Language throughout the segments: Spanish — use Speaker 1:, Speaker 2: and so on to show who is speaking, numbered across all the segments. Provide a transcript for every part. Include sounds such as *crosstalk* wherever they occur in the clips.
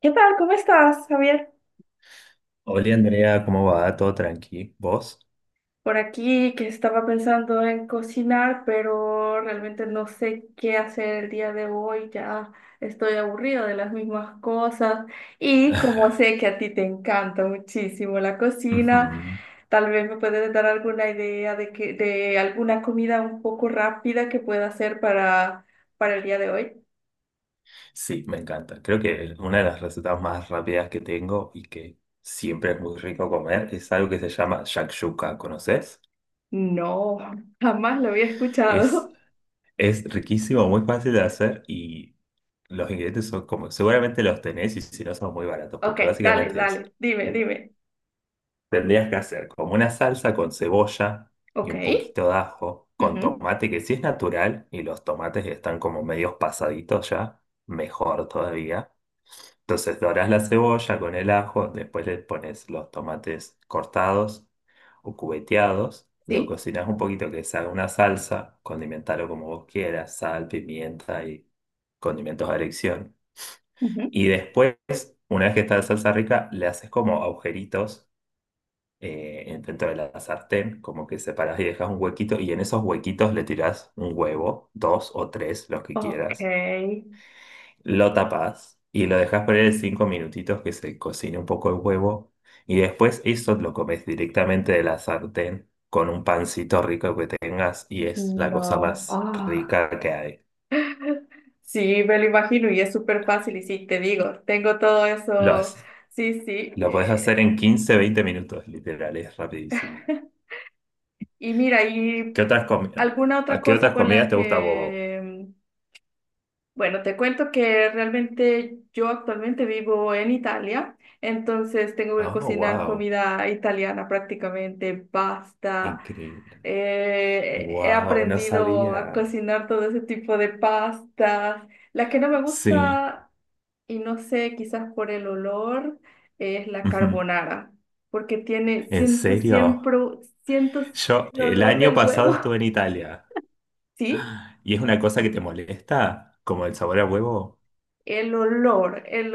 Speaker 1: ¿Qué tal? ¿Cómo estás, Javier?
Speaker 2: Hola Andrea, ¿cómo va? ¿Todo tranqui? ¿Vos?
Speaker 1: Por aquí que estaba pensando en cocinar, pero realmente no sé qué hacer el día de hoy. Ya estoy aburrido de las mismas cosas. Y como sé que
Speaker 2: *laughs*
Speaker 1: a ti te encanta muchísimo la cocina,
Speaker 2: Ujú.
Speaker 1: tal vez me puedes dar alguna idea de alguna comida un poco rápida que pueda hacer para el día de hoy.
Speaker 2: Sí, me encanta. Creo que es una de las recetas más rápidas que tengo y que siempre es muy rico comer es algo que se llama shakshuka, ¿conoces?
Speaker 1: No, *laughs* jamás lo había
Speaker 2: Es,
Speaker 1: escuchado. *laughs*
Speaker 2: es riquísimo, muy fácil de hacer y los ingredientes son como, seguramente los tenés y si no son muy baratos,
Speaker 1: Ok,
Speaker 2: porque
Speaker 1: dale,
Speaker 2: básicamente es.
Speaker 1: dale, dime.
Speaker 2: Tendrías que hacer como una salsa con cebolla y
Speaker 1: Ok,
Speaker 2: un poquito de ajo, con
Speaker 1: ujú,
Speaker 2: tomate que sí es natural y los tomates que están como medios pasaditos ya, mejor todavía. Entonces dorás la cebolla con el ajo, después le pones los tomates cortados o cubeteados, lo
Speaker 1: sí.
Speaker 2: cocinas un poquito que se haga una salsa, condimentalo como vos quieras, sal, pimienta y condimentos a elección.
Speaker 1: Ujú.
Speaker 2: Y después, una vez que está la salsa rica, le haces como agujeritos dentro de la sartén, como que separás y dejas un huequito y en esos huequitos le tirás un huevo, dos o tres, los que
Speaker 1: Ok,
Speaker 2: quieras, lo tapás y lo dejas poner 5 minutitos que se cocine un poco el huevo y después eso lo comes directamente de la sartén con un pancito rico que tengas y es la cosa
Speaker 1: no.
Speaker 2: más
Speaker 1: Ah,
Speaker 2: rica que hay.
Speaker 1: sí, me lo imagino y es súper fácil y sí, te digo, tengo todo
Speaker 2: Lo
Speaker 1: eso.
Speaker 2: haces.
Speaker 1: Sí, sí.
Speaker 2: Lo podés hacer en 15 20 minutos, literal, es rapidísimo.
Speaker 1: *laughs* Y mira,
Speaker 2: ¿Qué
Speaker 1: ¿
Speaker 2: otras comidas,
Speaker 1: alguna otra
Speaker 2: ¿A qué
Speaker 1: cosa
Speaker 2: otras
Speaker 1: con
Speaker 2: comidas
Speaker 1: la
Speaker 2: te gusta a vos?
Speaker 1: que... Bueno, te cuento que realmente yo actualmente vivo en Italia, entonces tengo que
Speaker 2: Oh,
Speaker 1: cocinar
Speaker 2: wow,
Speaker 1: comida italiana prácticamente, pasta.
Speaker 2: increíble.
Speaker 1: He
Speaker 2: Wow, no
Speaker 1: aprendido a
Speaker 2: sabía.
Speaker 1: cocinar todo ese tipo de pastas. La que no me
Speaker 2: Sí.
Speaker 1: gusta, y no sé, quizás por el olor, es la
Speaker 2: Ujú.
Speaker 1: carbonara, porque tiene,
Speaker 2: ¿En
Speaker 1: siento
Speaker 2: serio?
Speaker 1: siempre, siento
Speaker 2: Yo
Speaker 1: el
Speaker 2: el
Speaker 1: olor
Speaker 2: año
Speaker 1: del huevo,
Speaker 2: pasado estuve en Italia
Speaker 1: *laughs* ¿sí?
Speaker 2: y es una cosa que te molesta, como el sabor a huevo,
Speaker 1: El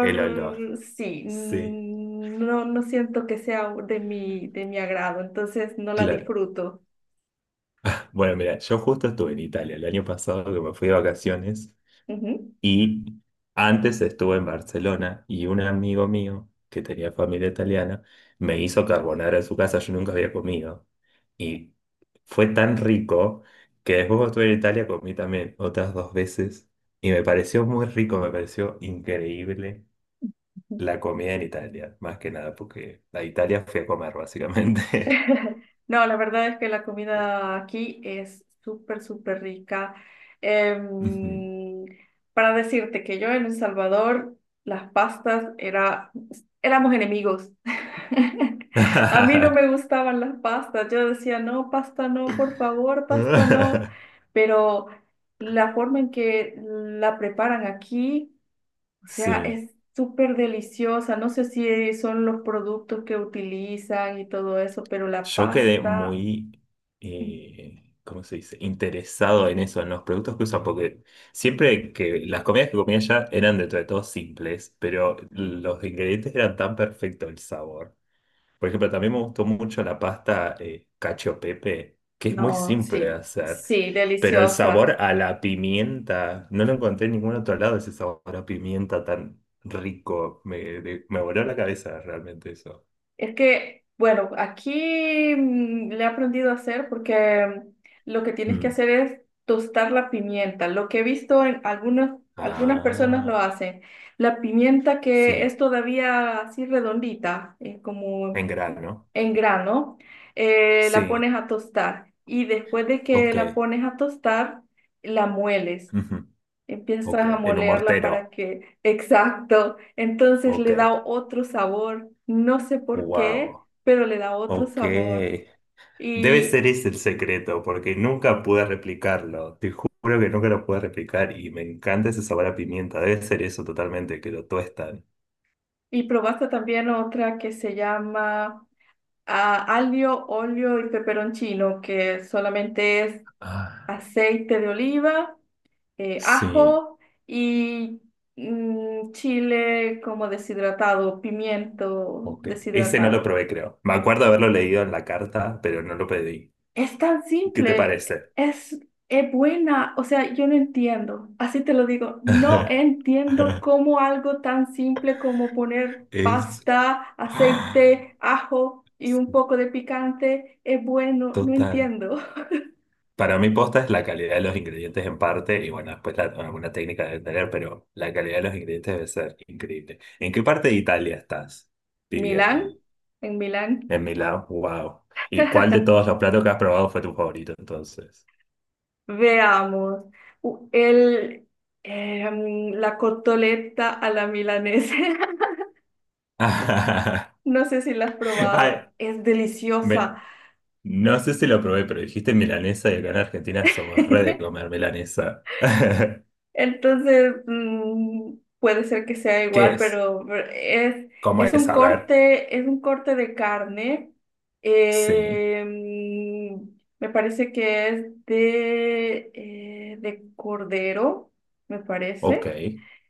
Speaker 2: el olor.
Speaker 1: sí,
Speaker 2: Sí,
Speaker 1: no, no siento que sea de mi agrado, entonces no la
Speaker 2: claro.
Speaker 1: disfruto.
Speaker 2: Bueno, mira, yo justo estuve en Italia el año pasado que me fui de vacaciones.
Speaker 1: Ujú.
Speaker 2: Y antes estuve en Barcelona y un amigo mío que tenía familia italiana me hizo carbonara en su casa, yo nunca había comido. Y fue tan rico que después cuando estuve en Italia comí también otras dos veces y me pareció muy rico, me pareció increíble la comida en Italia, más que nada porque a Italia fui a comer básicamente.
Speaker 1: *laughs* No, la verdad es que la comida aquí es súper, súper rica.
Speaker 2: *laughs* Ujú.
Speaker 1: Em, para decirte que yo en El Salvador, las pastas era, éramos enemigos. *laughs* A mí no me gustaban las pastas. Yo decía, no, pasta no, por favor, pasta no.
Speaker 2: *laughs*
Speaker 1: Pero la forma en que la preparan aquí, o sea,
Speaker 2: Sí.
Speaker 1: es súper deliciosa. No sé si son los productos que utilizan y todo eso, pero la
Speaker 2: Yo quedé
Speaker 1: pasta,
Speaker 2: muy,
Speaker 1: mm,
Speaker 2: ¿cómo se dice? Interesado en eso, en los productos que usan, porque siempre que las comidas que comía allá eran dentro de todo simples, pero los ingredientes eran tan perfectos, el sabor. Por ejemplo, también me gustó mucho la pasta cacio pepe, que es muy
Speaker 1: no,
Speaker 2: simple de
Speaker 1: sí,
Speaker 2: hacer,
Speaker 1: sí,
Speaker 2: pero el
Speaker 1: deliciosa.
Speaker 2: sabor a la pimienta, no lo encontré en ningún otro lado, ese sabor a pimienta tan rico. Me voló la cabeza realmente eso.
Speaker 1: Es que, bueno, aquí le he aprendido a hacer porque lo que tienes que
Speaker 2: Mm.
Speaker 1: hacer es tostar la pimienta. Lo que he visto en algunas personas lo
Speaker 2: Ah,
Speaker 1: hacen. La pimienta que
Speaker 2: sí.
Speaker 1: es todavía así redondita, como
Speaker 2: En grano.
Speaker 1: en grano, la
Speaker 2: Sí,
Speaker 1: pones a tostar y después de que
Speaker 2: ok.
Speaker 1: la pones a tostar, la mueles.
Speaker 2: Ujú,
Speaker 1: Empiezas
Speaker 2: ok.
Speaker 1: a
Speaker 2: En un
Speaker 1: molerla para
Speaker 2: mortero.
Speaker 1: que, exacto, entonces
Speaker 2: Ok.
Speaker 1: le da otro sabor, no sé por qué,
Speaker 2: Wow.
Speaker 1: pero le da otro sabor.
Speaker 2: Ok. Debe ser
Speaker 1: Y,
Speaker 2: ese el secreto, porque nunca pude replicarlo. Te juro que nunca lo pude replicar y me encanta ese sabor a pimienta. Debe ser eso totalmente, que lo tuestan.
Speaker 1: y probaste también otra que se llama aglio, olio y peperoncino, que solamente es
Speaker 2: Ah,
Speaker 1: aceite de oliva,
Speaker 2: sí.
Speaker 1: ajo y chile como deshidratado, pimiento
Speaker 2: Ok. Ese no lo
Speaker 1: deshidratado.
Speaker 2: probé, creo. Me acuerdo haberlo leído en la carta, pero no lo pedí.
Speaker 1: Es tan
Speaker 2: ¿Qué te
Speaker 1: simple,
Speaker 2: parece?
Speaker 1: es, es buena, o sea, yo no entiendo, así te lo digo, no
Speaker 2: *laughs*
Speaker 1: entiendo cómo algo tan simple como poner
Speaker 2: Es...
Speaker 1: pasta,
Speaker 2: *gasps*
Speaker 1: aceite, ajo y un poco de picante es bueno, no
Speaker 2: Total.
Speaker 1: entiendo.
Speaker 2: Para mí posta es la calidad de los ingredientes en parte, y bueno, después bueno, alguna técnica debe tener, pero la calidad de los ingredientes debe ser increíble. ¿En qué parte de Italia estás
Speaker 1: *laughs* Milán,
Speaker 2: viviendo?
Speaker 1: en Milán,
Speaker 2: En Milán, wow. ¿Y cuál de
Speaker 1: *laughs*
Speaker 2: todos los platos que has probado fue tu favorito entonces?
Speaker 1: veamos, u- el, la cotoleta a la milanesa, *laughs*
Speaker 2: *laughs*
Speaker 1: no sé si la has probado,
Speaker 2: Ay,
Speaker 1: es
Speaker 2: me-
Speaker 1: deliciosa.
Speaker 2: no sé si lo probé, pero dijiste milanesa y acá en Argentina somos re de
Speaker 1: *laughs*
Speaker 2: comer milanesa. *laughs*
Speaker 1: Entonces, puede ser que sea
Speaker 2: ¿Qué
Speaker 1: igual,
Speaker 2: es?
Speaker 1: pero es,
Speaker 2: ¿Cómo es? A ver.
Speaker 1: es un corte de carne.
Speaker 2: Sí,
Speaker 1: eh, mm, Me parece que es de cordero, me
Speaker 2: ok.
Speaker 1: parece.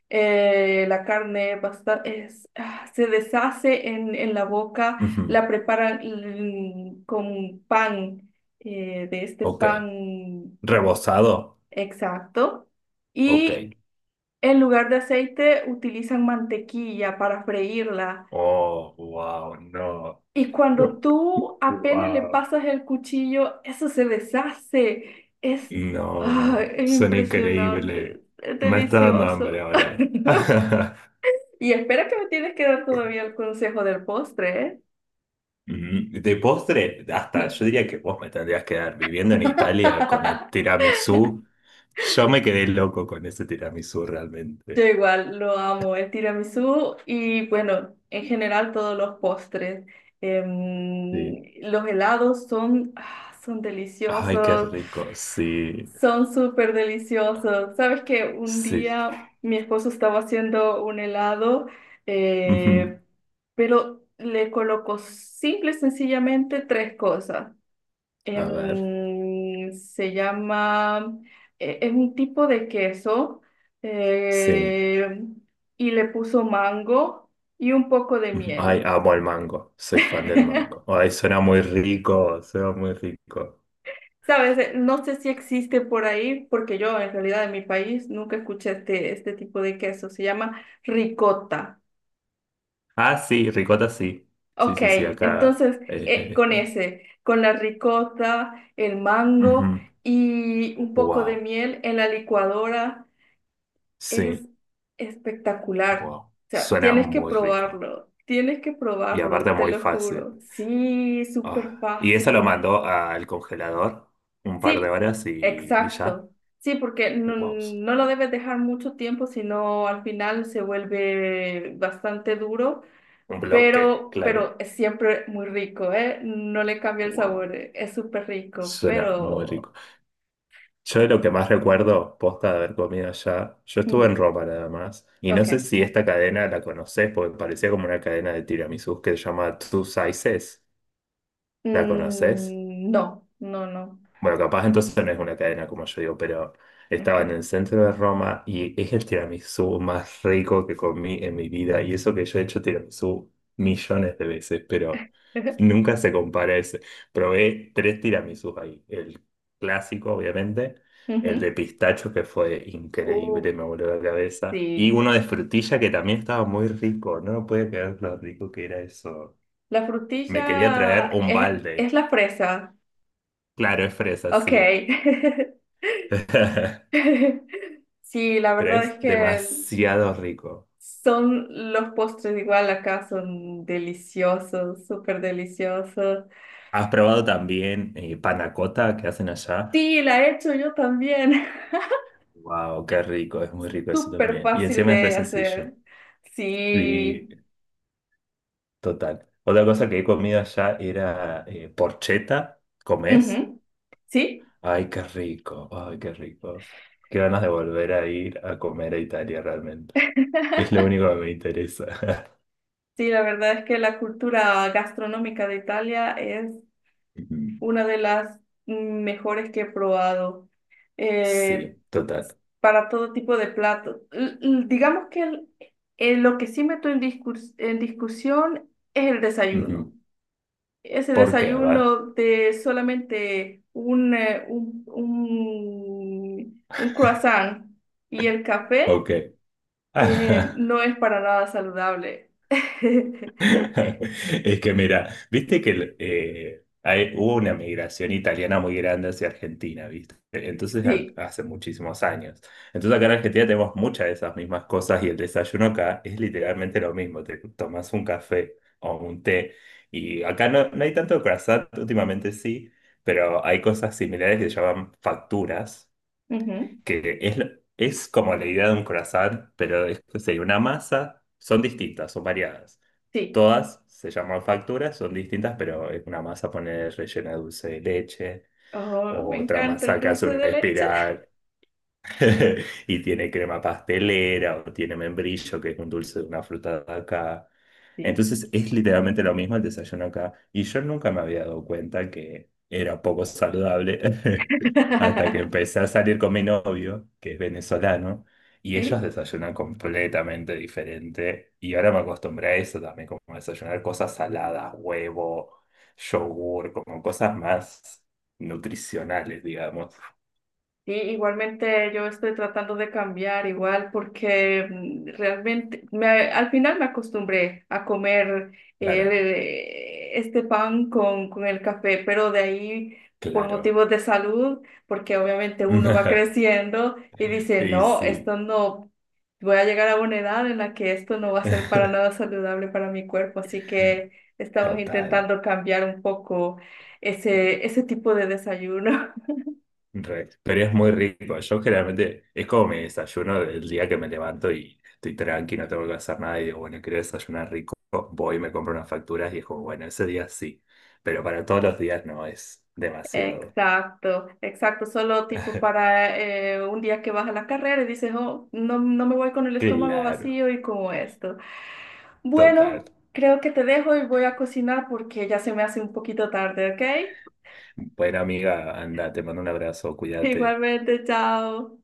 Speaker 1: La carne es, ah, se deshace en la boca,
Speaker 2: Ujú,
Speaker 1: la preparan con pan, de este
Speaker 2: ok.
Speaker 1: pan, ¿cómo se-
Speaker 2: ¿Rebozado?
Speaker 1: Exacto.
Speaker 2: Ok.
Speaker 1: Y en lugar de aceite utilizan mantequilla para freírla.
Speaker 2: Oh, wow, no.
Speaker 1: Y cuando tú apenas le
Speaker 2: Wow,
Speaker 1: pasas el cuchillo, eso se deshace. Es,
Speaker 2: no,
Speaker 1: ah,
Speaker 2: no.
Speaker 1: es
Speaker 2: Suena increíble.
Speaker 1: impresionante, es
Speaker 2: Me está dando hambre
Speaker 1: delicioso.
Speaker 2: ahora.
Speaker 1: *laughs*
Speaker 2: *laughs*
Speaker 1: Y espera que me tienes que dar todavía el consejo del postre, ¿eh?
Speaker 2: De postre, hasta
Speaker 1: Sí.
Speaker 2: yo diría que vos me tendrías que dar viviendo en Italia con el
Speaker 1: *laughs*
Speaker 2: tiramisú. Yo me quedé loco con ese tiramisú
Speaker 1: Yo
Speaker 2: realmente.
Speaker 1: igual lo amo, el tiramisú y bueno, en general todos los postres.
Speaker 2: Sí.
Speaker 1: Los helados son, ah, son
Speaker 2: Ay, qué
Speaker 1: deliciosos.
Speaker 2: rico. Sí.
Speaker 1: Son súper deliciosos. Sabes que un
Speaker 2: Sí.
Speaker 1: día mi esposo estaba haciendo un helado,
Speaker 2: Ujú.
Speaker 1: eh, pero le colocó simple y sencillamente 3 cosas.
Speaker 2: A ver.
Speaker 1: Se llama, es un tipo de queso,
Speaker 2: Sí.
Speaker 1: eh, y le puso mango y un poco de
Speaker 2: Ujú. Ay,
Speaker 1: miel.
Speaker 2: amo el mango, soy fan del
Speaker 1: *laughs*
Speaker 2: mango. Ay, suena muy rico, suena muy rico.
Speaker 1: Sabes, eh, no sé si existe por ahí, porque yo en realidad en mi país nunca escuché este tipo de queso. Se llama ricota.
Speaker 2: Ah, sí, ricota sí. Sí,
Speaker 1: Ok,
Speaker 2: sí, sí, acá.
Speaker 1: entonces con ese, con la ricota, el
Speaker 2: Ujú.
Speaker 1: mango y un poco de
Speaker 2: Wow,
Speaker 1: miel en la licuadora es
Speaker 2: sí,
Speaker 1: espectacular.
Speaker 2: wow.
Speaker 1: O sea,
Speaker 2: Suena muy rico.
Speaker 1: tienes que
Speaker 2: Y
Speaker 1: probarlo,
Speaker 2: aparte
Speaker 1: te
Speaker 2: muy
Speaker 1: lo
Speaker 2: fácil.
Speaker 1: juro. Sí, súper
Speaker 2: Ah, y eso lo
Speaker 1: fácil.
Speaker 2: mandó al congelador un par de
Speaker 1: Sí,
Speaker 2: horas y ya.
Speaker 1: exacto. Sí, porque no,
Speaker 2: Wow,
Speaker 1: no lo debes dejar mucho tiempo, sino al final se vuelve bastante duro,
Speaker 2: un bloque, claro.
Speaker 1: pero es siempre muy rico, ¿eh? No le cambia el
Speaker 2: Wow,
Speaker 1: sabor, es súper rico,
Speaker 2: suena muy
Speaker 1: pero...
Speaker 2: rico. Yo de lo que más recuerdo, posta de haber comido allá, yo estuve en
Speaker 1: mm,
Speaker 2: Roma nada más, y no sé
Speaker 1: ok.
Speaker 2: si esta cadena la conoces, porque parecía como una cadena de tiramisús que se llama Two Sizes. ¿La conoces?
Speaker 1: Mm, no, no, no.
Speaker 2: Bueno, capaz entonces no es una cadena como yo digo, pero
Speaker 1: Ok.
Speaker 2: estaba en el centro de Roma y es el tiramisú más rico que comí en mi vida. Y eso que yo he hecho tiramisú millones de veces, pero
Speaker 1: *laughs*
Speaker 2: nunca se compara a ese. Probé tres tiramisús ahí. El clásico, obviamente, el de
Speaker 1: Ujú.
Speaker 2: pistacho que fue
Speaker 1: Uf,
Speaker 2: increíble, me voló la cabeza. Y
Speaker 1: sí.
Speaker 2: uno de frutilla que también estaba muy rico. No me podía creer lo rico que era eso.
Speaker 1: La
Speaker 2: Me quería traer
Speaker 1: frutilla
Speaker 2: un
Speaker 1: es
Speaker 2: balde.
Speaker 1: la fresa.
Speaker 2: Claro, es fresa,
Speaker 1: Ok.
Speaker 2: sí.
Speaker 1: *laughs*
Speaker 2: *laughs*
Speaker 1: *laughs* Sí, la
Speaker 2: Pero
Speaker 1: verdad es
Speaker 2: es
Speaker 1: que
Speaker 2: demasiado rico.
Speaker 1: son los postres igual acá, son deliciosos, súper deliciosos.
Speaker 2: ¿Has probado también panna cotta que hacen allá?
Speaker 1: Sí, la he hecho yo también,
Speaker 2: Wow, qué rico, es
Speaker 1: *laughs*
Speaker 2: muy rico eso
Speaker 1: súper
Speaker 2: también. Y
Speaker 1: fácil
Speaker 2: encima es re
Speaker 1: de
Speaker 2: sencillo.
Speaker 1: hacer.
Speaker 2: Y
Speaker 1: Sí,
Speaker 2: total. Otra cosa que he comido allá era porchetta. ¿Comés?
Speaker 1: ujú. Sí,
Speaker 2: Ay, qué rico, ay, qué rico. Qué ganas de volver a ir a comer a Italia realmente. Es lo único que me interesa.
Speaker 1: sí, la verdad es que la cultura gastronómica de Italia es
Speaker 2: *laughs* Ujú.
Speaker 1: una de las mejores que he probado. Eh,
Speaker 2: Sí, total.
Speaker 1: para todo tipo de platos. Digamos que lo que sí meto en discusión es el
Speaker 2: Ujú.
Speaker 1: desayuno. Ese
Speaker 2: ¿Por qué? A ver.
Speaker 1: desayuno de solamente un croissant y el café,
Speaker 2: Ok. *laughs*
Speaker 1: no es para nada saludable. *laughs*
Speaker 2: *laughs* Es que mira, viste que hubo una migración italiana muy grande hacia Argentina, ¿viste? Entonces,
Speaker 1: Sí,
Speaker 2: hace muchísimos años. Entonces, acá en Argentina tenemos muchas de esas mismas cosas y el desayuno acá es literalmente lo mismo. Te tomas un café o un té y acá no, no hay tanto croissant, últimamente sí, pero hay cosas similares que se llaman facturas,
Speaker 1: ujú,
Speaker 2: que es, es como la idea de un croissant, pero sería una masa, son distintas, son variadas.
Speaker 1: sí.
Speaker 2: Todas se llaman facturas, son distintas, pero es una masa poner rellena de dulce de leche,
Speaker 1: Oh,
Speaker 2: o
Speaker 1: me
Speaker 2: otra
Speaker 1: encanta el
Speaker 2: masa que hace
Speaker 1: dulce
Speaker 2: una
Speaker 1: de leche.
Speaker 2: espiral. *laughs* Y tiene crema pastelera o tiene membrillo, que es un dulce de una fruta de acá.
Speaker 1: Sí.
Speaker 2: Entonces es literalmente lo mismo el desayuno acá. Y yo nunca me había dado cuenta que era poco saludable *laughs* hasta que
Speaker 1: *laughs*
Speaker 2: empecé a salir con mi novio, que es venezolano, y ellos
Speaker 1: Sí.
Speaker 2: desayunan completamente diferente. Y ahora me acostumbré a eso también, como a desayunar cosas saladas, huevo, yogur, como cosas más nutricionales, digamos.
Speaker 1: Sí, igualmente yo estoy tratando de cambiar igual porque realmente al final me acostumbré a comer
Speaker 2: Claro,
Speaker 1: este pan con el café, pero de ahí por
Speaker 2: claro.
Speaker 1: motivos de salud, porque obviamente uno va
Speaker 2: *laughs*
Speaker 1: creciendo y dice,
Speaker 2: Y
Speaker 1: no,
Speaker 2: sí,
Speaker 1: esto no, voy a llegar a una edad en la que esto no va a ser para nada
Speaker 2: *laughs*
Speaker 1: saludable para mi cuerpo, así que estamos
Speaker 2: total.
Speaker 1: intentando cambiar un poco ese, ese tipo de desayuno. *laughs*
Speaker 2: Re. Pero es muy rico. Yo generalmente es como mi desayuno del día que me levanto y estoy tranqui, no tengo que hacer nada y digo, bueno, quiero desayunar rico, voy y me compro unas facturas y es como, bueno, ese día sí. Pero para todos los días no es demasiado.
Speaker 1: Exacto, exacto, solo tipo
Speaker 2: *laughs*
Speaker 1: para un día que vas a la carrera y dices, oh, no, no me voy con el estómago
Speaker 2: Claro,
Speaker 1: vacío y como esto.
Speaker 2: total.
Speaker 1: Bueno, creo que te dejo y voy a cocinar porque ya se me hace un poquito tarde, ¿ok?
Speaker 2: Buena amiga, anda, te mando un abrazo,
Speaker 1: *laughs*
Speaker 2: cuídate.
Speaker 1: Igualmente, chao.